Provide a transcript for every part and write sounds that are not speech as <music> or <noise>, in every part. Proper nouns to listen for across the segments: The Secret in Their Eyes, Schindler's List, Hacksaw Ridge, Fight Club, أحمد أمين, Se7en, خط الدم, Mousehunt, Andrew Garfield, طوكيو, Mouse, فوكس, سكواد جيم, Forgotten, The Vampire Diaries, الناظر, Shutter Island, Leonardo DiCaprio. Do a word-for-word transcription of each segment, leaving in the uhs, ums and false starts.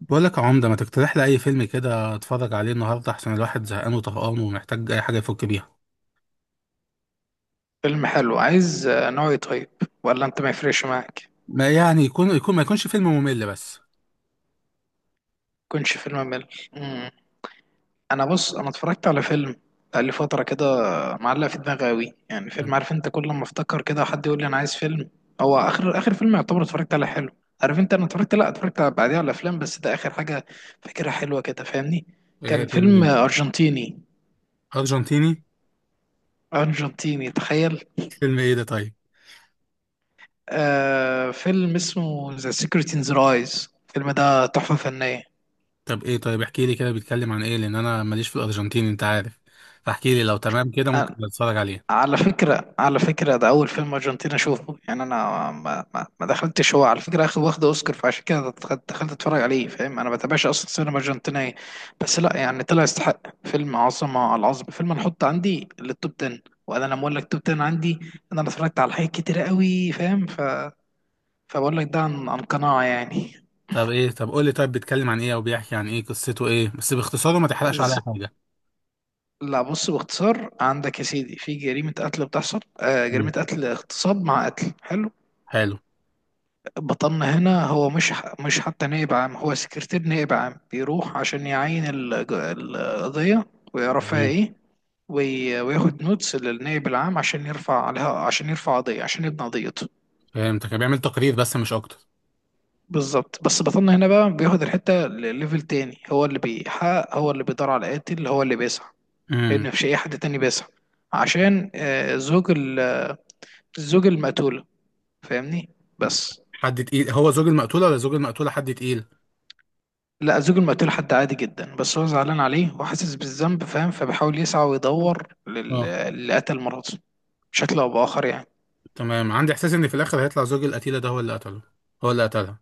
بقول لك يا عمدة ما تقترح لي أي فيلم كده أتفرج عليه النهاردة عشان الواحد زهقان وطهقان ومحتاج أي حاجة يفك بيها. فيلم حلو عايز آه، نوعي. طيب، ولا انت ما يفرقش معاك؟ ما يعني يكون يكون ما يكونش فيلم ممل بس. يكونش فيلم مل. مم. انا بص، انا اتفرجت على فيلم بقى لي فتره كده، معلق في دماغي قوي، يعني فيلم، عارف انت، كل ما افتكر كده حد يقول لي انا عايز فيلم. هو اخر اخر فيلم يعتبر اتفرجت على حلو، عارف انت. انا اتفرجت، لا اتفرجت على- بعديها على افلام، بس ده اخر حاجه فاكرها حلوه كده، فاهمني. إيه كان فيلم فيلم إيه؟ ارجنتيني. أرجنتيني. ارجنتيني، تخيل. فيلم إيه ده طيب؟ آه، فيلم اسمه ذا سيكريت ان ذا رايز. الفيلم ده تحفه فنيه. طب إيه طيب، احكي لي كده بيتكلم عن إيه، لأن أنا ماليش في الأرجنتيني أنت عارف، فاحكي لي لو تمام كده ممكن أتفرج عليه. على فكرة على فكرة ده أول فيلم أرجنتيني أشوفه، يعني أنا ما, ما, ما دخلتش. هو على فكرة أخد واخد أوسكار، فعشان كده دخلت دخلت أتفرج عليه، فاهم؟ أنا ما بتابعش أصلا سينما أرجنتينية. بس لا يعني طلع يستحق، فيلم عظمة على العظمة. فيلم أنا أحط عندي للتوب عشرة، وأنا لما أقول لك توب عشرة عندي، أنا اتفرجت على حاجات كتيرة قوي، فاهم؟ ف... فبقول لك ده عن, عن قناعة يعني. طب إيه طب قول لي طيب بيتكلم عن إيه أو بيحكي عن إيه، قصته إيه بس باختصار وما تحرقش عليا ز- حاجة. لا بص، باختصار، عندك يا سيدي في جريمة قتل بتحصل، آه، جريمة مم. قتل اغتصاب مع قتل. حلو. حلو. بطلنا هنا هو مش ح- مش حتى نائب عام، هو سكرتير نائب عام، بيروح عشان يعين الج- القضية ويعرف فيها مم. ايه، وي- وياخد نوتس للنائب العام عشان يرفع عليها، عشان يرفع قضية، عشان يبني قضيته. فهمتك، بيعمل تقرير بس مش أكتر. بالظبط. بس بطلنا هنا بقى بياخد الحتة لليفل تاني، هو اللي بيحقق، هو اللي بيدور على القاتل، هو اللي بيسعى. مم. لأن مفيش أي حد تاني بيسعى عشان، آه، زوج ال- زوج المقتولة، فاهمني. بس. حد تقيل هو زوج المقتولة، ولا زوج المقتولة حد تقيل؟ لا زوج المقتول حد عادي جدا، بس هو زعلان عليه وحاسس بالذنب، فاهم؟ فبيحاول يسعى ويدور لل- اه للي قتل مراته بشكل او باخر يعني. تمام، عندي احساس ان في الاخر هيطلع زوج القتيلة ده هو اللي قتله، هو اللي قتلها.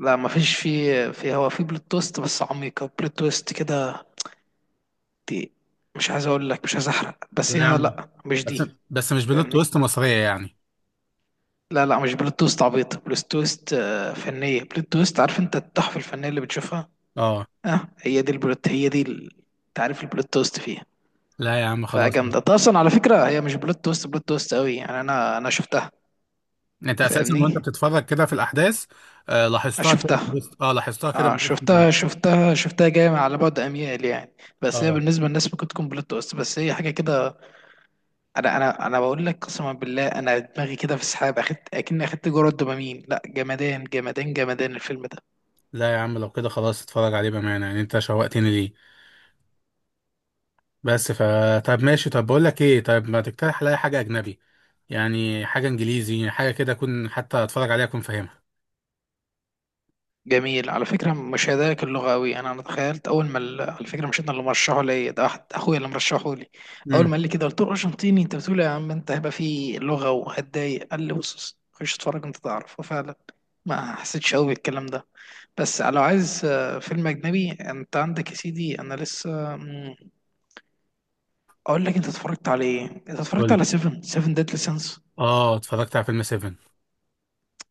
لا مفيش. في في، هو في بلوت تويست بس عميقة، بلوت تويست كده دي. مش عايز اقول لك، مش عايز احرق، بس لا يا عم. هي لا مش بس. دي، بس مش بلوت فاهمني. تويست مصرية يعني. لا لا مش بلوت تويست عبيطة، بلوت تويست، آه، فنية، بلوت تويست، عارف انت التحفة الفنية اللي بتشوفها. اه. اه، هي دي البلوت، هي دي ال- تعريف البلوت تويست فيها. لا يا عم خلاص بقى. فجامدة. طيب، اصلا على فكرة هي مش بلوت تويست، بلوت تويست قوي يعني. انا انا شفتها، انت اساسا وانت فاهمني. بتتفرج كده في الاحداث، آه آه، لاحظتها كده من شفتها. وسط- اه لاحظتها كده اه من وسط ال- شفتها شفتها شفتها جايه على بعد اميال يعني. بس هي اه بالنسبه للناس ممكن تكون بلوت تويست، بس هي حاجه كده. انا انا انا بقول لك، قسما بالله، انا دماغي كده في سحاب، اخدت اكني اخدت جرعه دوبامين. لا، جمدان جمدان جمدان الفيلم ده. لا يا عم لو كده خلاص اتفرج عليه بامانه، يعني انت شوقتني ليه. بس ف طب ماشي، طب بقول لك ايه، طب ما تقترح عليا حاجه اجنبي، يعني حاجه انجليزي حاجه كده اكون حتى اتفرج عليها اكون فاهمها. جميل. على فكره مش هدايا اللغه قوي. انا انا تخيلت اول ما ال- على فكره مش انا اللي مرشحه لي ده، أحد اخويا اللي مرشحه لي. اول ما مم. قال لي كده قلت له ارجنتيني؟ انت بتقول إيه يا عم؟ انت هيبقى في لغه وهتضايق. قال لي بص بص، خش اتفرج انت تعرف. وفعلا ما حسيتش قوي بالكلام ده. بس لو عايز، آه، فيلم أجنبي، أنت عندك يا سيدي. أنا لسه، مم، أقول لك، أنت اتفرجت على إيه؟ أنت اتفرجت قول. على سيفن سيفن ديدلي سينس؟ اه اتفرجت على فيلم سفن.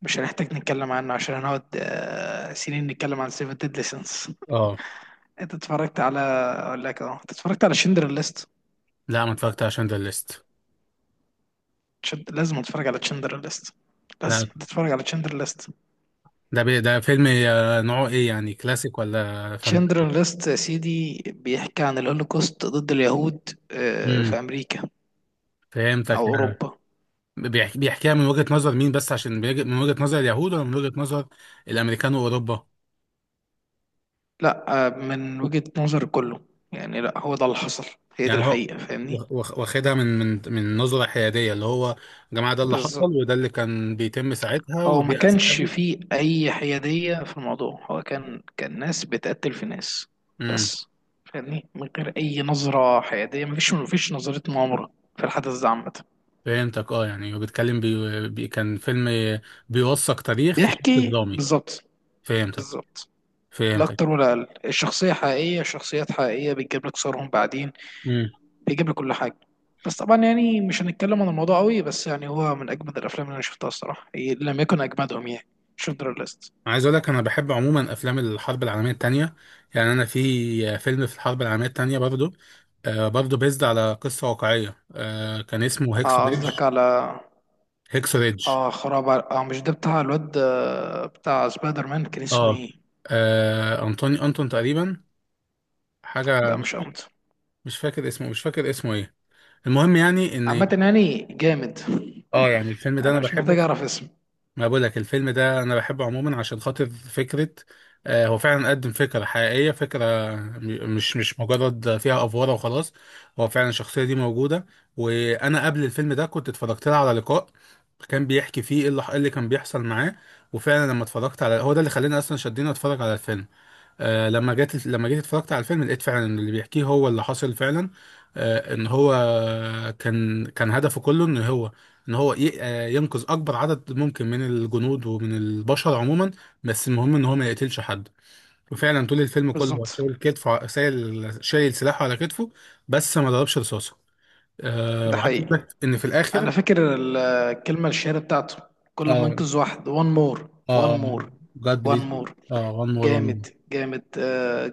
مش هنحتاج نتكلم عنه عشان هنقعد، آه، سنين نتكلم عن سيفن ديدلي سينس. اه. <laughs> أنت اتفرجت على، أقول لك، أه، أنت اتفرجت على شندر ليست؟ لا ما اتفرجت على شندر ليست. شد... لازم اتفرج على شندر ليست. لازم لا تتفرج على شندر ليست. ده بي ده فيلم آه، نوعه ايه يعني، كلاسيك ولا فانت؟ شندر ليست يا سيدي بيحكي عن الهولوكوست ضد اليهود، آه، امم. في أمريكا فهمتك أو آه. أوروبا. بيحكي، بيحكيها من وجهة نظر مين بس، عشان بيج- من وجهة نظر اليهود ولا من وجهة نظر الامريكان واوروبا؟ لا آه، من وجهة نظر كله. يعني لا، هو ده اللي حصل، هي دي يعني هو الحقيقة، فاهمني. واخ- واخدها من من من نظرة حيادية، اللي هو يا جماعة ده اللي بس حصل وده اللي كان بيتم ساعتها هو ما ودي كانش اسبابه. فيه أي حيادية في الموضوع. هو كان كان ناس بتقتل في ناس، امم. بس، فاهمني، من غير أي نظرة حيادية. مفيش مفيش نظرة مؤامرة في الحدث ده عامة. فهمتك اه، يعني وبيتكلم بي... بي... كان فيلم بيوثق تاريخ في شكل بيحكي درامي. بالظبط. فهمتك. بالظبط. لا فهمتك. أكتر ولا أقل. الشخصية حقيقية، شخصيات حقيقية، بتجيب لك صورهم بعدين، امم. بيجيب لي كل حاجه. بس طبعا يعني مش هنتكلم عن الموضوع قوي، بس يعني هو من اجمد الافلام اللي انا شفتها الصراحه. إيه، لم يكن اجمدهم يعني، شندر ليست. عايز اقول لك انا بحب عموما افلام الحرب العالميه الثانيه. يعني انا في فيلم في الحرب العالميه الثانيه برضو، آه برضو بيزد على قصه واقعيه، آه كان اسمه هيكسو اه ريدج. قصدك على، هيكسو ريدج. اه خراب على- اه مش ده بتاع الواد، آه، بتاع سبايدر مان؟ كان اسمه اه. ايه؟ آه، انطوني انتون تقريبا، حاجه لا مش، مش قمت. مش فاكر اسمه، مش فاكر اسمه ايه. المهم يعني ان، عامه يعني جامد. اه يعني الفيلم ده انا انا مش بحبه. محتاج اعرف اسم. ما بقول لك الفيلم ده انا بحبه عموما عشان خاطر فكره، آه، هو فعلا قدم فكره حقيقيه، فكره، م- مش مش مجرد فيها افواره وخلاص، هو فعلا الشخصيه دي موجوده. وانا قبل الفيلم ده كنت اتفرجت لها على لقاء، كان بيحكي فيه ايه اللي إيه اللي كان بيحصل معاه، وفعلا لما اتفرجت على هو ده اللي خلاني اصلا شدني اتفرج على الفيلم. آه لما جيت لما جيت اتفرجت على الفيلم لقيت فعلا إن اللي بيحكيه هو اللي حصل فعلا. آه ان هو كان كان هدفه كله ان هو، ان هو ي- آه، ينقذ اكبر عدد ممكن من الجنود ومن البشر عموما، بس المهم ان هو ما يقتلش حد. وفعلا طول الفيلم كله هو بالظبط. شايل كتفه، شايل شايل سلاحه على كتفه، بس ما ضربش رصاصه. آه ده وعايز اقول حقيقي. لك ان في الاخر. انا فاكر ال- الكلمه الشهيره بتاعته، كل ما اه. انقذ واحد وان مور وان اه. مور، جاد وان بليز. مور اه وان مور جامد. وان جامد.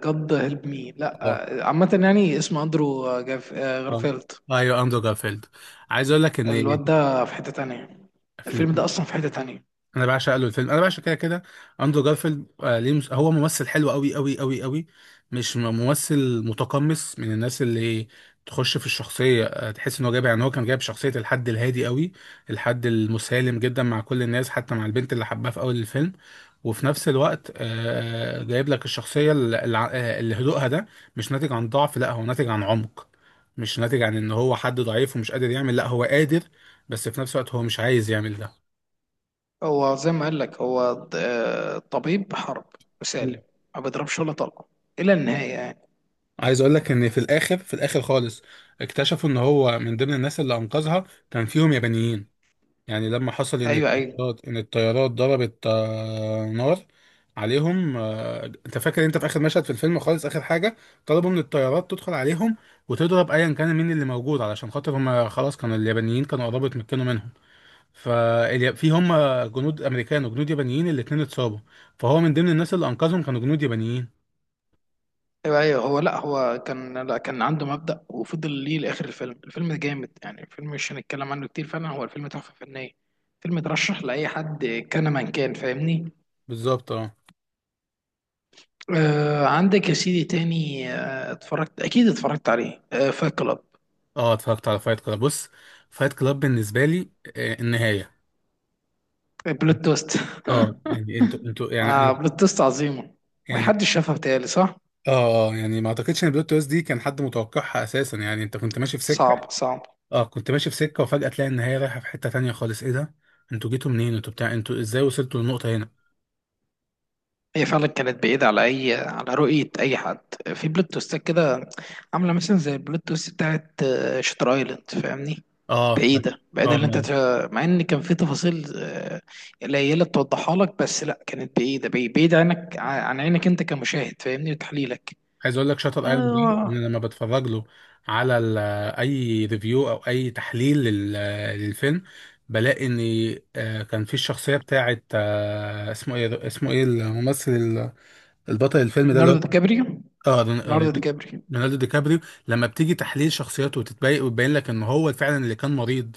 جاد هيلب مي. لا، اه God bless you. آه، one more, one more. آه، عامه يعني اسمه اندرو، آه، جاف، آه، آه. غارفيلد. آه، ايوه اندرو جارفيلد. عايز اقول لك ان الواد ده في حته تانية. الفيلم فيلم، ده اصلا في حته تانية. انا بعشق له الفيلم، انا بعشق كده كده. اندرو جارفيلد آه ليه مس... هو ممثل حلو قوي قوي قوي قوي، مش م- ممثل متقمص من الناس اللي تخش في الشخصيه، آه تحس ان هو جايب، يعني هو كان جايب شخصيه الحد الهادي قوي، الحد المسالم جدا مع كل الناس حتى مع البنت اللي حبها في اول الفيلم. وفي نفس الوقت آه آه، جايب لك الشخصيه اللي، اللي هدوءها ده مش ناتج عن ضعف، لا هو ناتج عن عمق. مش ناتج عن ان هو حد ضعيف ومش قادر يعمل، لا هو قادر، بس في نفس الوقت هو مش عايز يعمل ده. هو زي ما قال لك هو ط- آه، طبيب حرب وسالم، ما بيضربش ولا طلقه الى النهايه يعني. عايز اقول لك ان في الاخر في الاخر خالص، اكتشفوا ان هو من ضمن الناس اللي انقذها كان فيهم يابانيين. يعني لما حصل ان ايوه ايوه الطيارات ان الطيارات ضربت آه، نار عليهم، آه، انت فاكر انت في اخر مشهد في الفيلم خالص اخر حاجه، طلبوا من الطيارات تدخل عليهم وتضرب ايا كان مين اللي موجود، علشان خاطر هم خلاص كانوا اليابانيين كانوا قربوا يتمكنوا منهم. ففي هم جنود امريكان وجنود يابانيين الاتنين اتصابوا، فهو من ضمن الناس اللي انقذهم كانوا جنود يابانيين. ايوه ايوه هو لا، هو كان، لا كان عنده مبدأ وفضل ليه لاخر الفيلم. الفيلم ده جامد يعني. الفيلم مش هنتكلم عنه كتير، فعلا هو الفيلم تحفة فنية. فيلم اترشح لاي حد كان من كان، فاهمني. بالظبط اه. آه عندك يا سيدي تاني، آه اتفرجت، اكيد اتفرجت عليه، آه، فايت كلاب. اه اتفرجت على فايت كلاب. بص فايت كلاب بالنسبه لي، آه، النهايه. بلوت توست. <laughs> اه يعني انتوا انتوا يعني انا، آه، بلوت توست عظيمة. يعني، محدش شافها بتهيألي، صح؟ اه اه يعني ما اعتقدش ان البلوت تويست دي كان حد متوقعها اساسا، يعني انت كنت ماشي في سكه. صعب صعب اه كنت ماشي في سكه وفجاه تلاقي النهايه رايحه في حته تانية خالص، ايه ده انتوا جيتوا منين، انتوا بتاع، انتوا ازاي وصلتوا للنقطه هنا. هي فعلا كانت بعيدة على أي، على رؤية أي حد. في بلوت تويستات كده عاملة مثلا زي البلوت تويست بتاعت، آه، شاتر أيلاند، فاهمني. اه بتاعت- بعيدة بعيدة اه اللي أنت تف- مع إن كان في تفاصيل، آه، قليلة توضحها لك، بس لأ كانت بعيدة، بعي- بعيدة عنك، ع- عن عينك أنت كمشاهد، فاهمني وتحليلك. عايز اقول لك شاتر ايلاند ده، آه. انا لما بتفرج له على ال- اي ريفيو او اي تحليل لل- للفيلم بلاقي ان، آه، كان في الشخصيه بتاعه، آه، اسمه ايه اسمه ايه الممثل ال- البطل الفيلم ده اللي هو، ليوناردو دي كابريو. اه رون- ليوناردو دي رون- كابريو. رونالدو دي كابريو. لما بتيجي تحليل شخصيته وتتبين وتبين لك ان هو فعلا اللي كان مريض،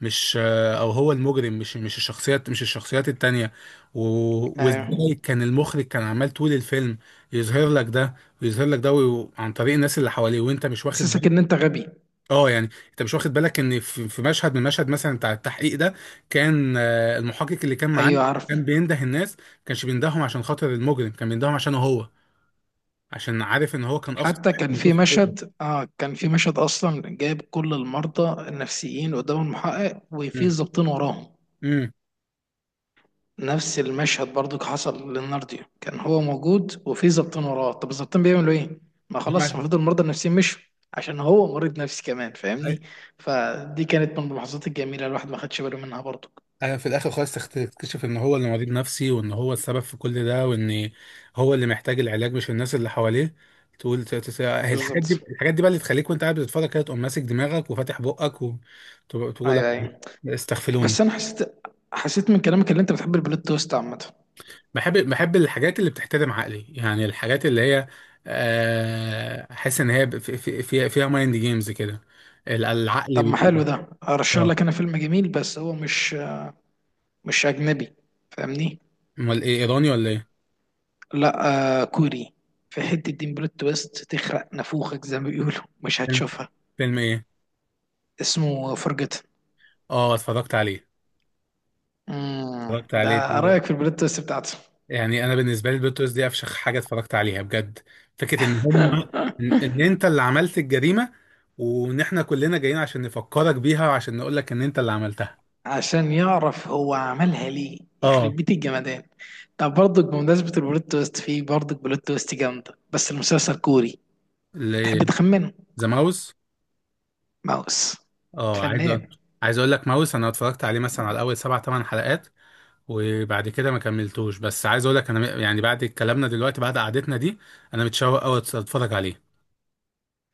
مش، او هو المجرم، مش مش الشخصيات مش الشخصيات التانية. و- أيوه. وازاي كان المخرج كان عمال طول الفيلم يظهر لك ده ويظهر لك ده وي- عن طريق الناس اللي حواليه وانت مش واخد حسسك بالك. إن أنت غبي. اه يعني انت مش واخد بالك ان في في مشهد من المشهد مثلا بتاع التحقيق ده، كان آه، المحقق اللي كان معاه أيوه. كان بينده الناس، ما كانش بيندههم عشان خاطر المجرم، كان بيندههم عشانه هو، عشان عارف ان هو كان اخطر حتى واحد كان موجود في في الاوضه. مشهد، اه كان في مشهد اصلا جايب كل المرضى النفسيين قدام المحقق وفي ظابطين وراهم. امم. نفس المشهد برضو حصل للنارديو، كان هو موجود وفي ظابطين وراه. طب الظابطين بيعملوا ايه؟ ما خلاص المفروض المرضى النفسيين مشوا، عشان هو مريض نفسي كمان، امم. فاهمني. فدي كانت من اللحظات الجميله الواحد ما خدش باله منها برضو. ايوه في الاخر خالص تخت- تكتشف ان هو اللي مريض نفسي، وان هو السبب في كل ده، وان هو اللي محتاج العلاج مش الناس اللي حواليه. تقول ت- ت- ت- هي الحاجات بالظبط. دي، الحاجات دي بقى اللي تخليك وانت قاعد بتتفرج كده تقوم ماسك دماغك وفاتح بقك وتقول ايوه ايوه بس استغفلوني. انا حسيت حسيت من كلامك اللي انت بتحب البلوت تويست عامه. بحب، بحب الحاجات اللي بتحترم عقلي، يعني الحاجات اللي هي آه، احس ان هي ب- في- في- فيها فيها مايند جيمز كده، ال- العقل طب ما حلو، بي ده ارشح اه. لك انا فيلم جميل بس هو مش مش اجنبي، فاهمني. امال ايه، ايراني ولا ايه؟ لا آه، كوري. في حته دين بلوت تويست تخرق نافوخك زي ما بيقولوا، مش هتشوفها. فيلم ايه؟ اسمه فرجتن. اه اتفرجت عليه. امم، اتفرجت عليه، ده رايك في البلوت تويست بتاعته. يعني انا بالنسبه لي البلوتوث دي افشخ حاجه اتفرجت عليها بجد، فكره ان هم، ان إن انت اللي عملت الجريمه، وان احنا كلنا جايين عشان نفكرك بيها وعشان نقول لك ان انت اللي عملتها. عشان يعرف هو عملها ليه، يخرب اه. بيت الجمدان. طب برضك بمناسبة البلوت تويست، فيه برضك بلوت تويست جامدة، بس المسلسل كوري. تحب تخمنه؟ ذا ماوس. ماوس. اه عايز فنان. أقول- عايز اقول لك ماوس، انا اتفرجت عليه مثلا على اول سبع ثمان حلقات، وبعد كده ما كملتوش، بس عايز اقول لك انا م- يعني بعد كلامنا دلوقتي بعد قعدتنا دي انا متشوق قوي اتفرج عليه.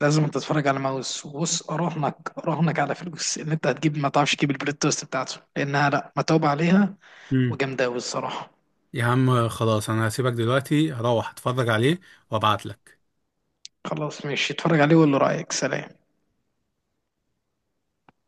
لازم تتفرج على ماوس. وبص، اراهنك اراهنك على فلوس ان انت هتجيب، ما تعرفش تجيب البلوت توست بتاعته، لانها، لا، متعوب عليها امم. وجامده قوي الصراحه. يا عم خلاص انا هسيبك دلوقتي، هروح اتفرج عليه وابعت لك. خلاص ماشي، اتفرج عليه وقول له رايك. سلام.